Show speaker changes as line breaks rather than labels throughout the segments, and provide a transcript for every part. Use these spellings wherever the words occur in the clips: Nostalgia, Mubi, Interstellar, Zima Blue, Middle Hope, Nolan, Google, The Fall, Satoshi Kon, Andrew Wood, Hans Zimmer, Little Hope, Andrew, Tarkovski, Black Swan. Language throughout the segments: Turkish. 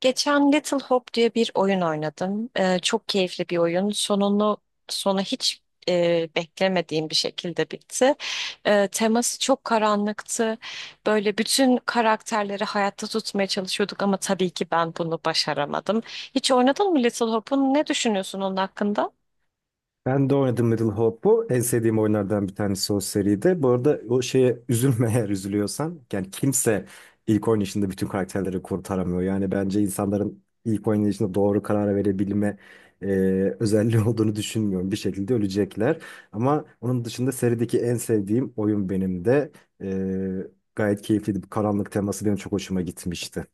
Geçen Little Hope diye bir oyun oynadım. Çok keyifli bir oyun. Sonu hiç beklemediğim bir şekilde bitti. Teması çok karanlıktı. Böyle bütün karakterleri hayatta tutmaya çalışıyorduk ama tabii ki ben bunu başaramadım. Hiç oynadın mı Little Hope'un? Ne düşünüyorsun onun hakkında?
Ben de oynadım Middle Hope'u. En sevdiğim oyunlardan bir tanesi o seride. Bu arada o şeye üzülme eğer üzülüyorsan. Yani kimse ilk oynayışında bütün karakterleri kurtaramıyor. Yani bence insanların ilk oynayışında doğru karar verebilme e, özelliği olduğunu düşünmüyorum. Bir şekilde ölecekler. Ama onun dışında serideki en sevdiğim oyun benim de. E, Gayet keyifliydi. Bu karanlık teması benim çok hoşuma gitmişti.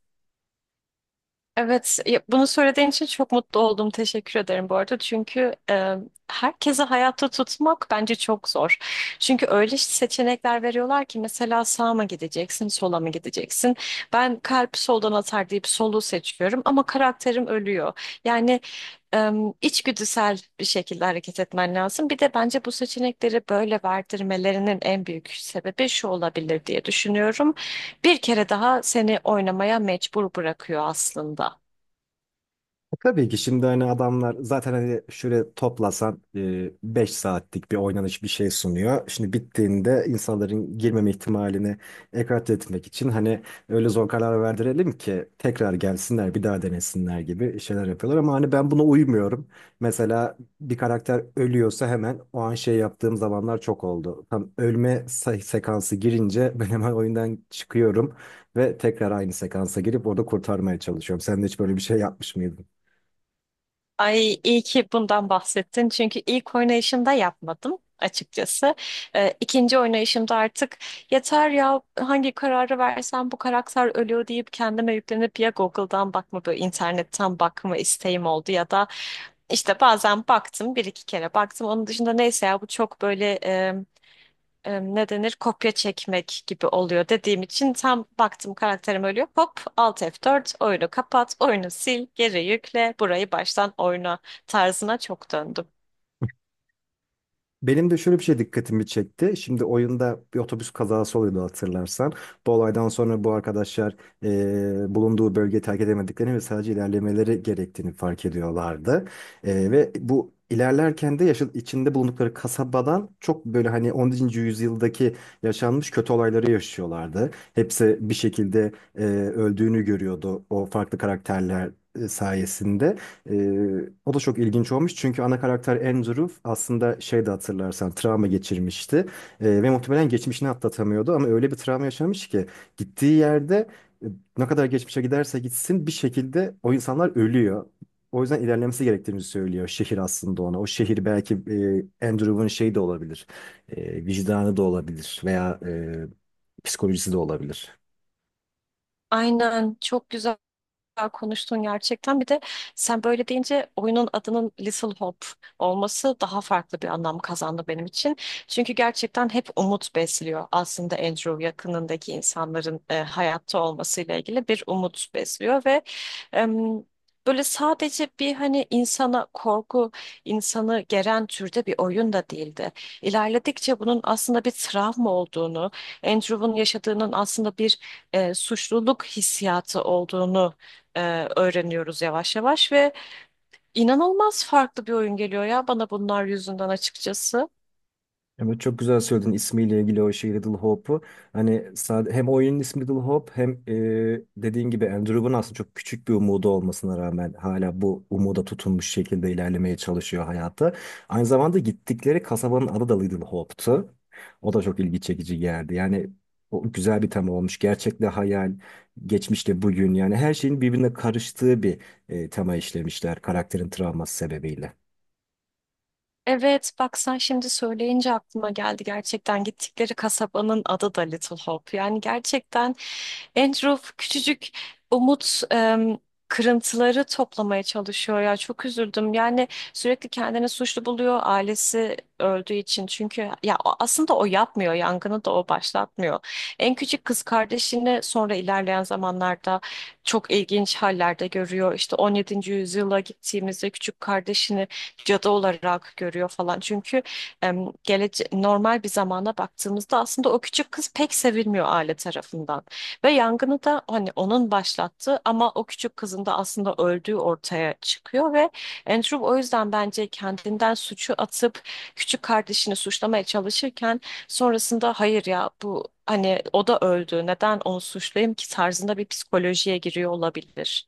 Evet, bunu söylediğin için çok mutlu oldum. Teşekkür ederim bu arada. Çünkü herkese hayatta tutmak bence çok zor. Çünkü öyle seçenekler veriyorlar ki mesela sağa mı gideceksin, sola mı gideceksin? Ben kalp soldan atar deyip solu seçiyorum ama karakterim ölüyor. Yani e, içgüdüsel bir şekilde hareket etmen lazım. Bir de bence bu seçenekleri böyle verdirmelerinin en büyük sebebi şu olabilir diye düşünüyorum. Bir kere daha seni oynamaya mecbur bırakıyor aslında.
Tabii ki şimdi hani adamlar zaten hani şöyle toplasan 5 saatlik bir oynanış bir şey sunuyor. Şimdi bittiğinde insanların girmeme ihtimalini ekarte etmek için hani öyle zor karar verdirelim ki tekrar gelsinler bir daha denesinler gibi şeyler yapıyorlar. Ama hani ben buna uymuyorum. Mesela bir karakter ölüyorsa hemen o an şey yaptığım zamanlar çok oldu. Tam ölme sekansı girince ben hemen oyundan çıkıyorum ve tekrar aynı sekansa girip orada kurtarmaya çalışıyorum. Sen de hiç böyle bir şey yapmış mıydın?
Ay iyi ki bundan bahsettin. Çünkü ilk oynayışımda yapmadım açıkçası. İkinci oynayışımda artık yeter ya hangi kararı versem bu karakter ölüyor deyip kendime yüklenip ya Google'dan bakma böyle internetten bakma isteğim oldu ya da işte bazen baktım, bir iki kere baktım. Onun dışında neyse ya bu çok böyle ne denir kopya çekmek gibi oluyor dediğim için tam baktım karakterim ölüyor. Hop Alt f dört oyunu kapat, oyunu sil, geri yükle, burayı baştan oyna tarzına çok döndüm.
Benim de şöyle bir şey dikkatimi çekti. Şimdi oyunda bir otobüs kazası oluyordu hatırlarsan. Bu olaydan sonra bu arkadaşlar bulunduğu bölgeyi terk edemediklerini ve sadece ilerlemeleri gerektiğini fark ediyorlardı. Ve bu ilerlerken de içinde bulundukları kasabadan çok böyle hani 10. yüzyıldaki yaşanmış kötü olayları yaşıyorlardı. Hepsi bir şekilde öldüğünü görüyordu o farklı karakterler sayesinde. ee, O da çok ilginç olmuş, çünkü ana karakter Andrew aslında şey de hatırlarsan travma geçirmişti. Ve muhtemelen geçmişini atlatamıyordu ama öyle bir travma yaşamış ki gittiği yerde e, ne kadar geçmişe giderse gitsin bir şekilde o insanlar ölüyor. O yüzden ilerlemesi gerektiğini söylüyor şehir aslında ona. O şehir belki Andrew'un şeyi de olabilir, vicdanı da olabilir veya psikolojisi de olabilir.
Aynen, çok güzel. Güzel konuştun gerçekten. Bir de sen böyle deyince oyunun adının Little Hope olması daha farklı bir anlam kazandı benim için. Çünkü gerçekten hep umut besliyor. Aslında Andrew yakınındaki insanların hayatta olmasıyla ilgili bir umut besliyor ve em, böyle sadece bir hani insana korku, insanı geren türde bir oyun da değildi. İlerledikçe bunun aslında bir travma olduğunu, Andrew'un yaşadığının aslında bir suçluluk hissiyatı olduğunu e, öğreniyoruz yavaş yavaş ve inanılmaz farklı bir oyun geliyor ya bana bunlar yüzünden açıkçası.
Evet, çok güzel söyledin ismiyle ilgili o şey Little Hope'u. Hani sade, hem oyunun ismi Little Hope hem dediğin gibi Andrew'un aslında çok küçük bir umudu olmasına rağmen hala bu umuda tutunmuş şekilde ilerlemeye çalışıyor hayatta. Aynı zamanda gittikleri kasabanın adı da Little Hope'tu. O da çok ilgi çekici geldi. Yani o güzel bir tema olmuş. Gerçekle hayal, geçmişle bugün, yani her şeyin birbirine karıştığı bir tema işlemişler karakterin travması sebebiyle.
Evet, bak sen şimdi söyleyince aklıma geldi, gerçekten gittikleri kasabanın adı da Little Hope. Yani gerçekten Andrew küçücük umut kırıntıları toplamaya çalışıyor ya, çok üzüldüm. Yani sürekli kendini suçlu buluyor ailesi öldüğü için. Çünkü ya aslında o yapmıyor, yangını da o başlatmıyor. En küçük kız kardeşini sonra ilerleyen zamanlarda çok ilginç hallerde görüyor. İşte 17. yüzyıla gittiğimizde küçük kardeşini cadı olarak görüyor falan. Çünkü em, gelece normal bir zamana baktığımızda aslında o küçük kız pek sevilmiyor aile tarafından. Ve yangını da hani onun başlattığı ama o küçük kızın da aslında öldüğü ortaya çıkıyor ve Andrew o yüzden bence kendinden suçu atıp küçük kardeşini suçlamaya çalışırken sonrasında hayır ya bu hani o da öldü, neden onu suçlayayım ki tarzında bir psikolojiye giriyor olabilir.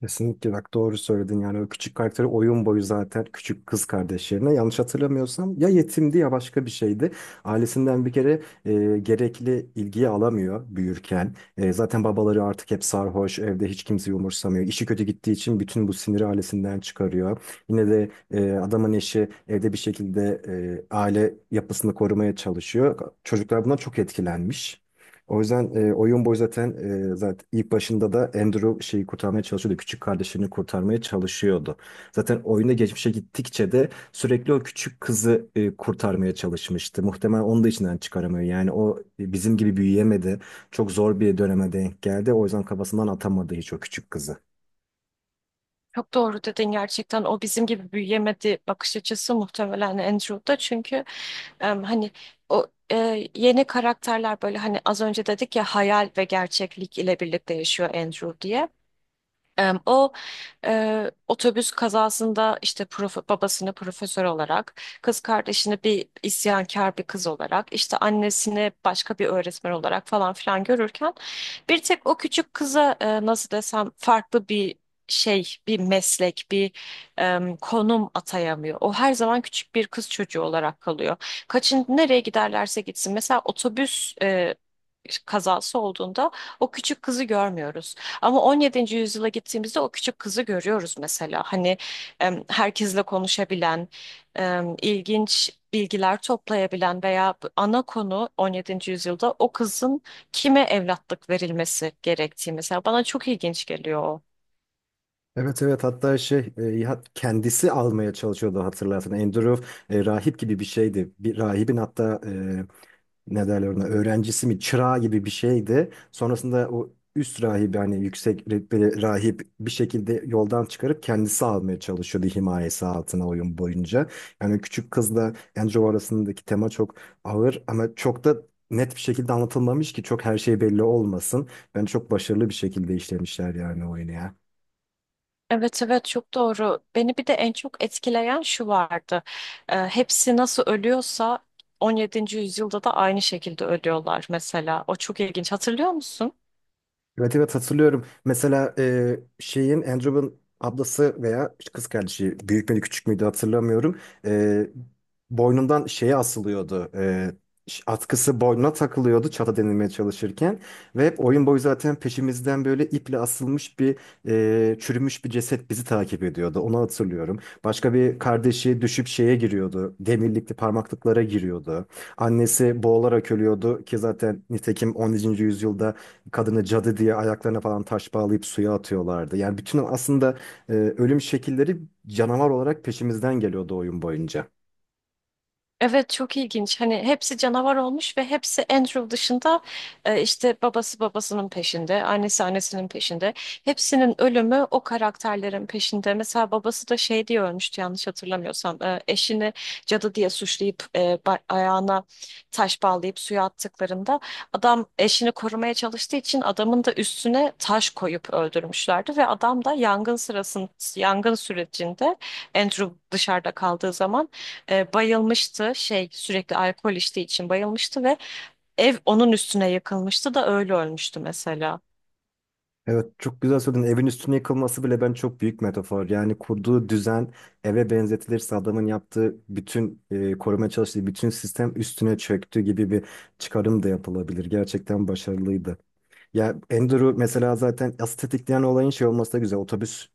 Kesinlikle, bak doğru söyledin. Yani o küçük karakteri oyun boyu zaten küçük kız kardeş yerine, yanlış hatırlamıyorsam, ya yetimdi ya başka bir şeydi. Ailesinden bir kere gerekli ilgiyi alamıyor büyürken. Zaten babaları artık hep sarhoş evde, hiç kimseyi umursamıyor. İşi kötü gittiği için bütün bu siniri ailesinden çıkarıyor. Yine de adamın eşi evde bir şekilde aile yapısını korumaya çalışıyor. Çocuklar bundan çok etkilenmiş. O yüzden oyun boyu zaten, zaten ilk başında da Andrew şeyi kurtarmaya çalışıyordu. Küçük kardeşini kurtarmaya çalışıyordu. Zaten oyunda geçmişe gittikçe de sürekli o küçük kızı kurtarmaya çalışmıştı. Muhtemelen onu da içinden çıkaramıyor. Yani o bizim gibi büyüyemedi. Çok zor bir döneme denk geldi. O yüzden kafasından atamadı hiç o küçük kızı.
Çok doğru dedin, gerçekten o bizim gibi büyüyemedi bakış açısı muhtemelen Andrew'da çünkü hani o yeni karakterler, böyle hani az önce dedik ya hayal ve gerçeklik ile birlikte yaşıyor Andrew diye. O otobüs kazasında işte babasını profesör olarak, kız kardeşini bir isyankar bir kız olarak, işte annesini başka bir öğretmen olarak falan filan görürken bir tek o küçük kıza nasıl desem farklı bir şey, bir meslek, bir konum atayamıyor. O her zaman küçük bir kız çocuğu olarak kalıyor. Kaçın nereye giderlerse gitsin. Mesela otobüs kazası olduğunda o küçük kızı görmüyoruz. Ama 17. yüzyıla gittiğimizde o küçük kızı görüyoruz mesela. Hani herkesle konuşabilen, ilginç bilgiler toplayabilen veya bu ana konu 17. yüzyılda o kızın kime evlatlık verilmesi gerektiği, mesela bana çok ilginç geliyor o.
Evet, evet, hatta şey kendisi almaya çalışıyordu hatırlarsan. Andrew rahip gibi bir şeydi. Bir rahibin hatta ne derler, ona öğrencisi mi, çırağı gibi bir şeydi. Sonrasında o üst rahibi hani yüksek rütbeli rahip bir şekilde yoldan çıkarıp kendisi almaya çalışıyordu himayesi altına oyun boyunca. Yani küçük kızla Andrew arasındaki tema çok ağır ama çok da net bir şekilde anlatılmamış ki çok her şey belli olmasın. Ben çok başarılı bir şekilde işlemişler yani oyunu ya.
Evet, evet, çok doğru. Beni bir de en çok etkileyen şu vardı. Hepsi nasıl ölüyorsa 17. yüzyılda da aynı şekilde ölüyorlar mesela. O çok ilginç. Hatırlıyor musun?
Evet, evet, hatırlıyorum. Mesela şeyin, Andrew'un ablası veya kız kardeşi büyük müydü küçük müydü hatırlamıyorum. E, Boynundan şeye asılıyordu. Atkısı boynuna takılıyordu çata denilmeye çalışırken. Ve hep oyun boyu zaten peşimizden böyle iple asılmış bir çürümüş bir ceset bizi takip ediyordu. Onu hatırlıyorum. Başka bir kardeşi düşüp şeye giriyordu. Demirlikli parmaklıklara giriyordu. Annesi boğularak ölüyordu ki zaten nitekim 11. yüzyılda kadını cadı diye ayaklarına falan taş bağlayıp suya atıyorlardı. Yani bütün aslında ölüm şekilleri canavar olarak peşimizden geliyordu oyun boyunca.
Evet, çok ilginç. Hani hepsi canavar olmuş ve hepsi Andrew dışında işte babası babasının peşinde, annesi annesinin peşinde. Hepsinin ölümü o karakterlerin peşinde. Mesela babası da şey diye ölmüştü yanlış hatırlamıyorsam. Eşini cadı diye suçlayıp ayağına taş bağlayıp suya attıklarında adam eşini korumaya çalıştığı için adamın da üstüne taş koyup öldürmüşlerdi ve adam da yangın sürecinde Andrew dışarıda kaldığı zaman bayılmıştı. Şey, sürekli alkol içtiği için bayılmıştı ve ev onun üstüne yıkılmıştı da öyle ölmüştü mesela.
Evet, çok güzel söyledin. Evin üstüne yıkılması bile ben çok büyük metafor. Yani kurduğu düzen eve benzetilirse, adamın yaptığı bütün, korumaya çalıştığı bütün sistem üstüne çöktü gibi bir çıkarım da yapılabilir. Gerçekten başarılıydı. Ya Andrew mesela, zaten asıl tetikleyen olayın şey olması da güzel. Otobüs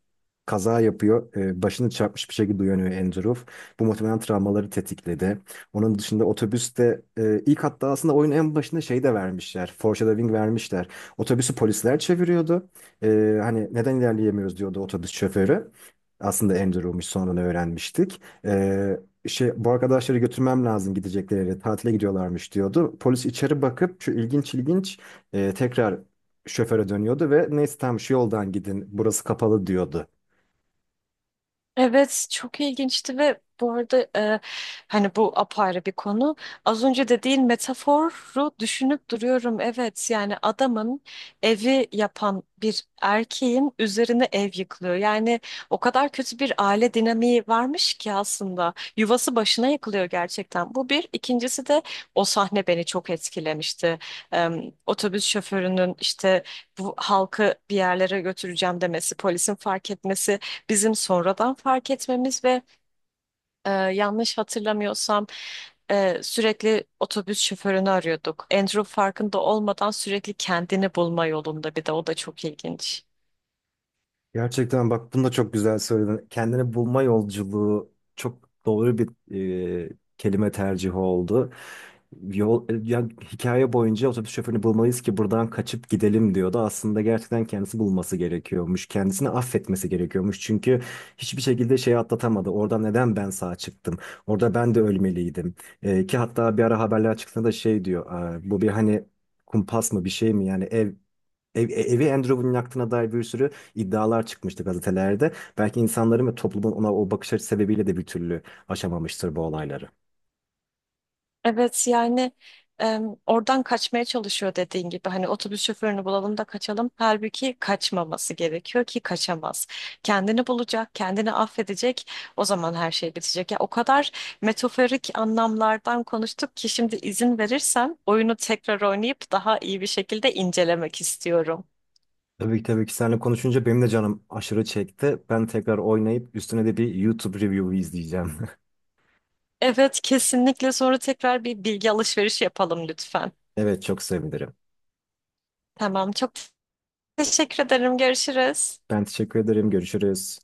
kaza yapıyor. Başını çarpmış bir şekilde uyanıyor Andrew. Bu muhtemelen travmaları tetikledi. Onun dışında otobüste ilk, hatta aslında oyunun en başında şey de vermişler. Foreshadowing vermişler. Otobüsü polisler çeviriyordu. Hani neden ilerleyemiyoruz diyordu otobüs şoförü. Aslında Andrew'muş sonradan öğrenmiştik. Şey, bu arkadaşları götürmem lazım gidecekleri yere, tatile gidiyorlarmış diyordu. Polis içeri bakıp şu ilginç ilginç tekrar şoföre dönüyordu ve neyse, tamam şu yoldan gidin, burası kapalı diyordu.
Evet, çok ilginçti ve bu arada hani bu apayrı bir konu. Az önce dediğin metaforu düşünüp duruyorum. Evet, yani adamın evi yapan bir erkeğin üzerine ev yıkılıyor. Yani o kadar kötü bir aile dinamiği varmış ki aslında yuvası başına yıkılıyor gerçekten. Bu bir. İkincisi de o sahne beni çok etkilemişti. Otobüs şoförünün işte bu halkı bir yerlere götüreceğim demesi, polisin fark etmesi, bizim sonradan fark etmemiz ve yanlış hatırlamıyorsam sürekli otobüs şoförünü arıyorduk. Andrew farkında olmadan sürekli kendini bulma yolunda, bir de o da çok ilginç.
Gerçekten bak bunu da çok güzel söyledin. Kendini bulma yolculuğu çok doğru bir e, kelime tercihi oldu. Ya, hikaye boyunca otobüs şoförünü bulmalıyız ki buradan kaçıp gidelim diyordu. Aslında gerçekten kendisi bulması gerekiyormuş. Kendisini affetmesi gerekiyormuş. Çünkü hiçbir şekilde şeyi atlatamadı. Orada neden ben sağ çıktım? Orada ben de ölmeliydim. Ki hatta bir ara haberler çıktığında da şey diyor: "Aa, bu bir hani kumpas mı, bir şey mi? Yani evi Andrew Wood'un yaktığına dair bir sürü iddialar çıkmıştı gazetelerde." Belki insanların ve toplumun ona o bakış açısı sebebiyle de bir türlü aşamamıştır bu olayları.
Evet yani oradan kaçmaya çalışıyor dediğin gibi hani otobüs şoförünü bulalım da kaçalım. Halbuki kaçmaması gerekiyor ki kaçamaz. Kendini bulacak, kendini affedecek. O zaman her şey bitecek. Ya o kadar metaforik anlamlardan konuştuk ki şimdi izin verirsen oyunu tekrar oynayıp daha iyi bir şekilde incelemek istiyorum.
Tabii ki, tabii ki, seninle konuşunca benim de canım aşırı çekti. Ben tekrar oynayıp üstüne de bir YouTube review izleyeceğim.
Evet kesinlikle, sonra tekrar bir bilgi alışverişi yapalım lütfen.
Evet, çok sevinirim.
Tamam, çok teşekkür ederim. Görüşürüz.
Ben teşekkür ederim. Görüşürüz.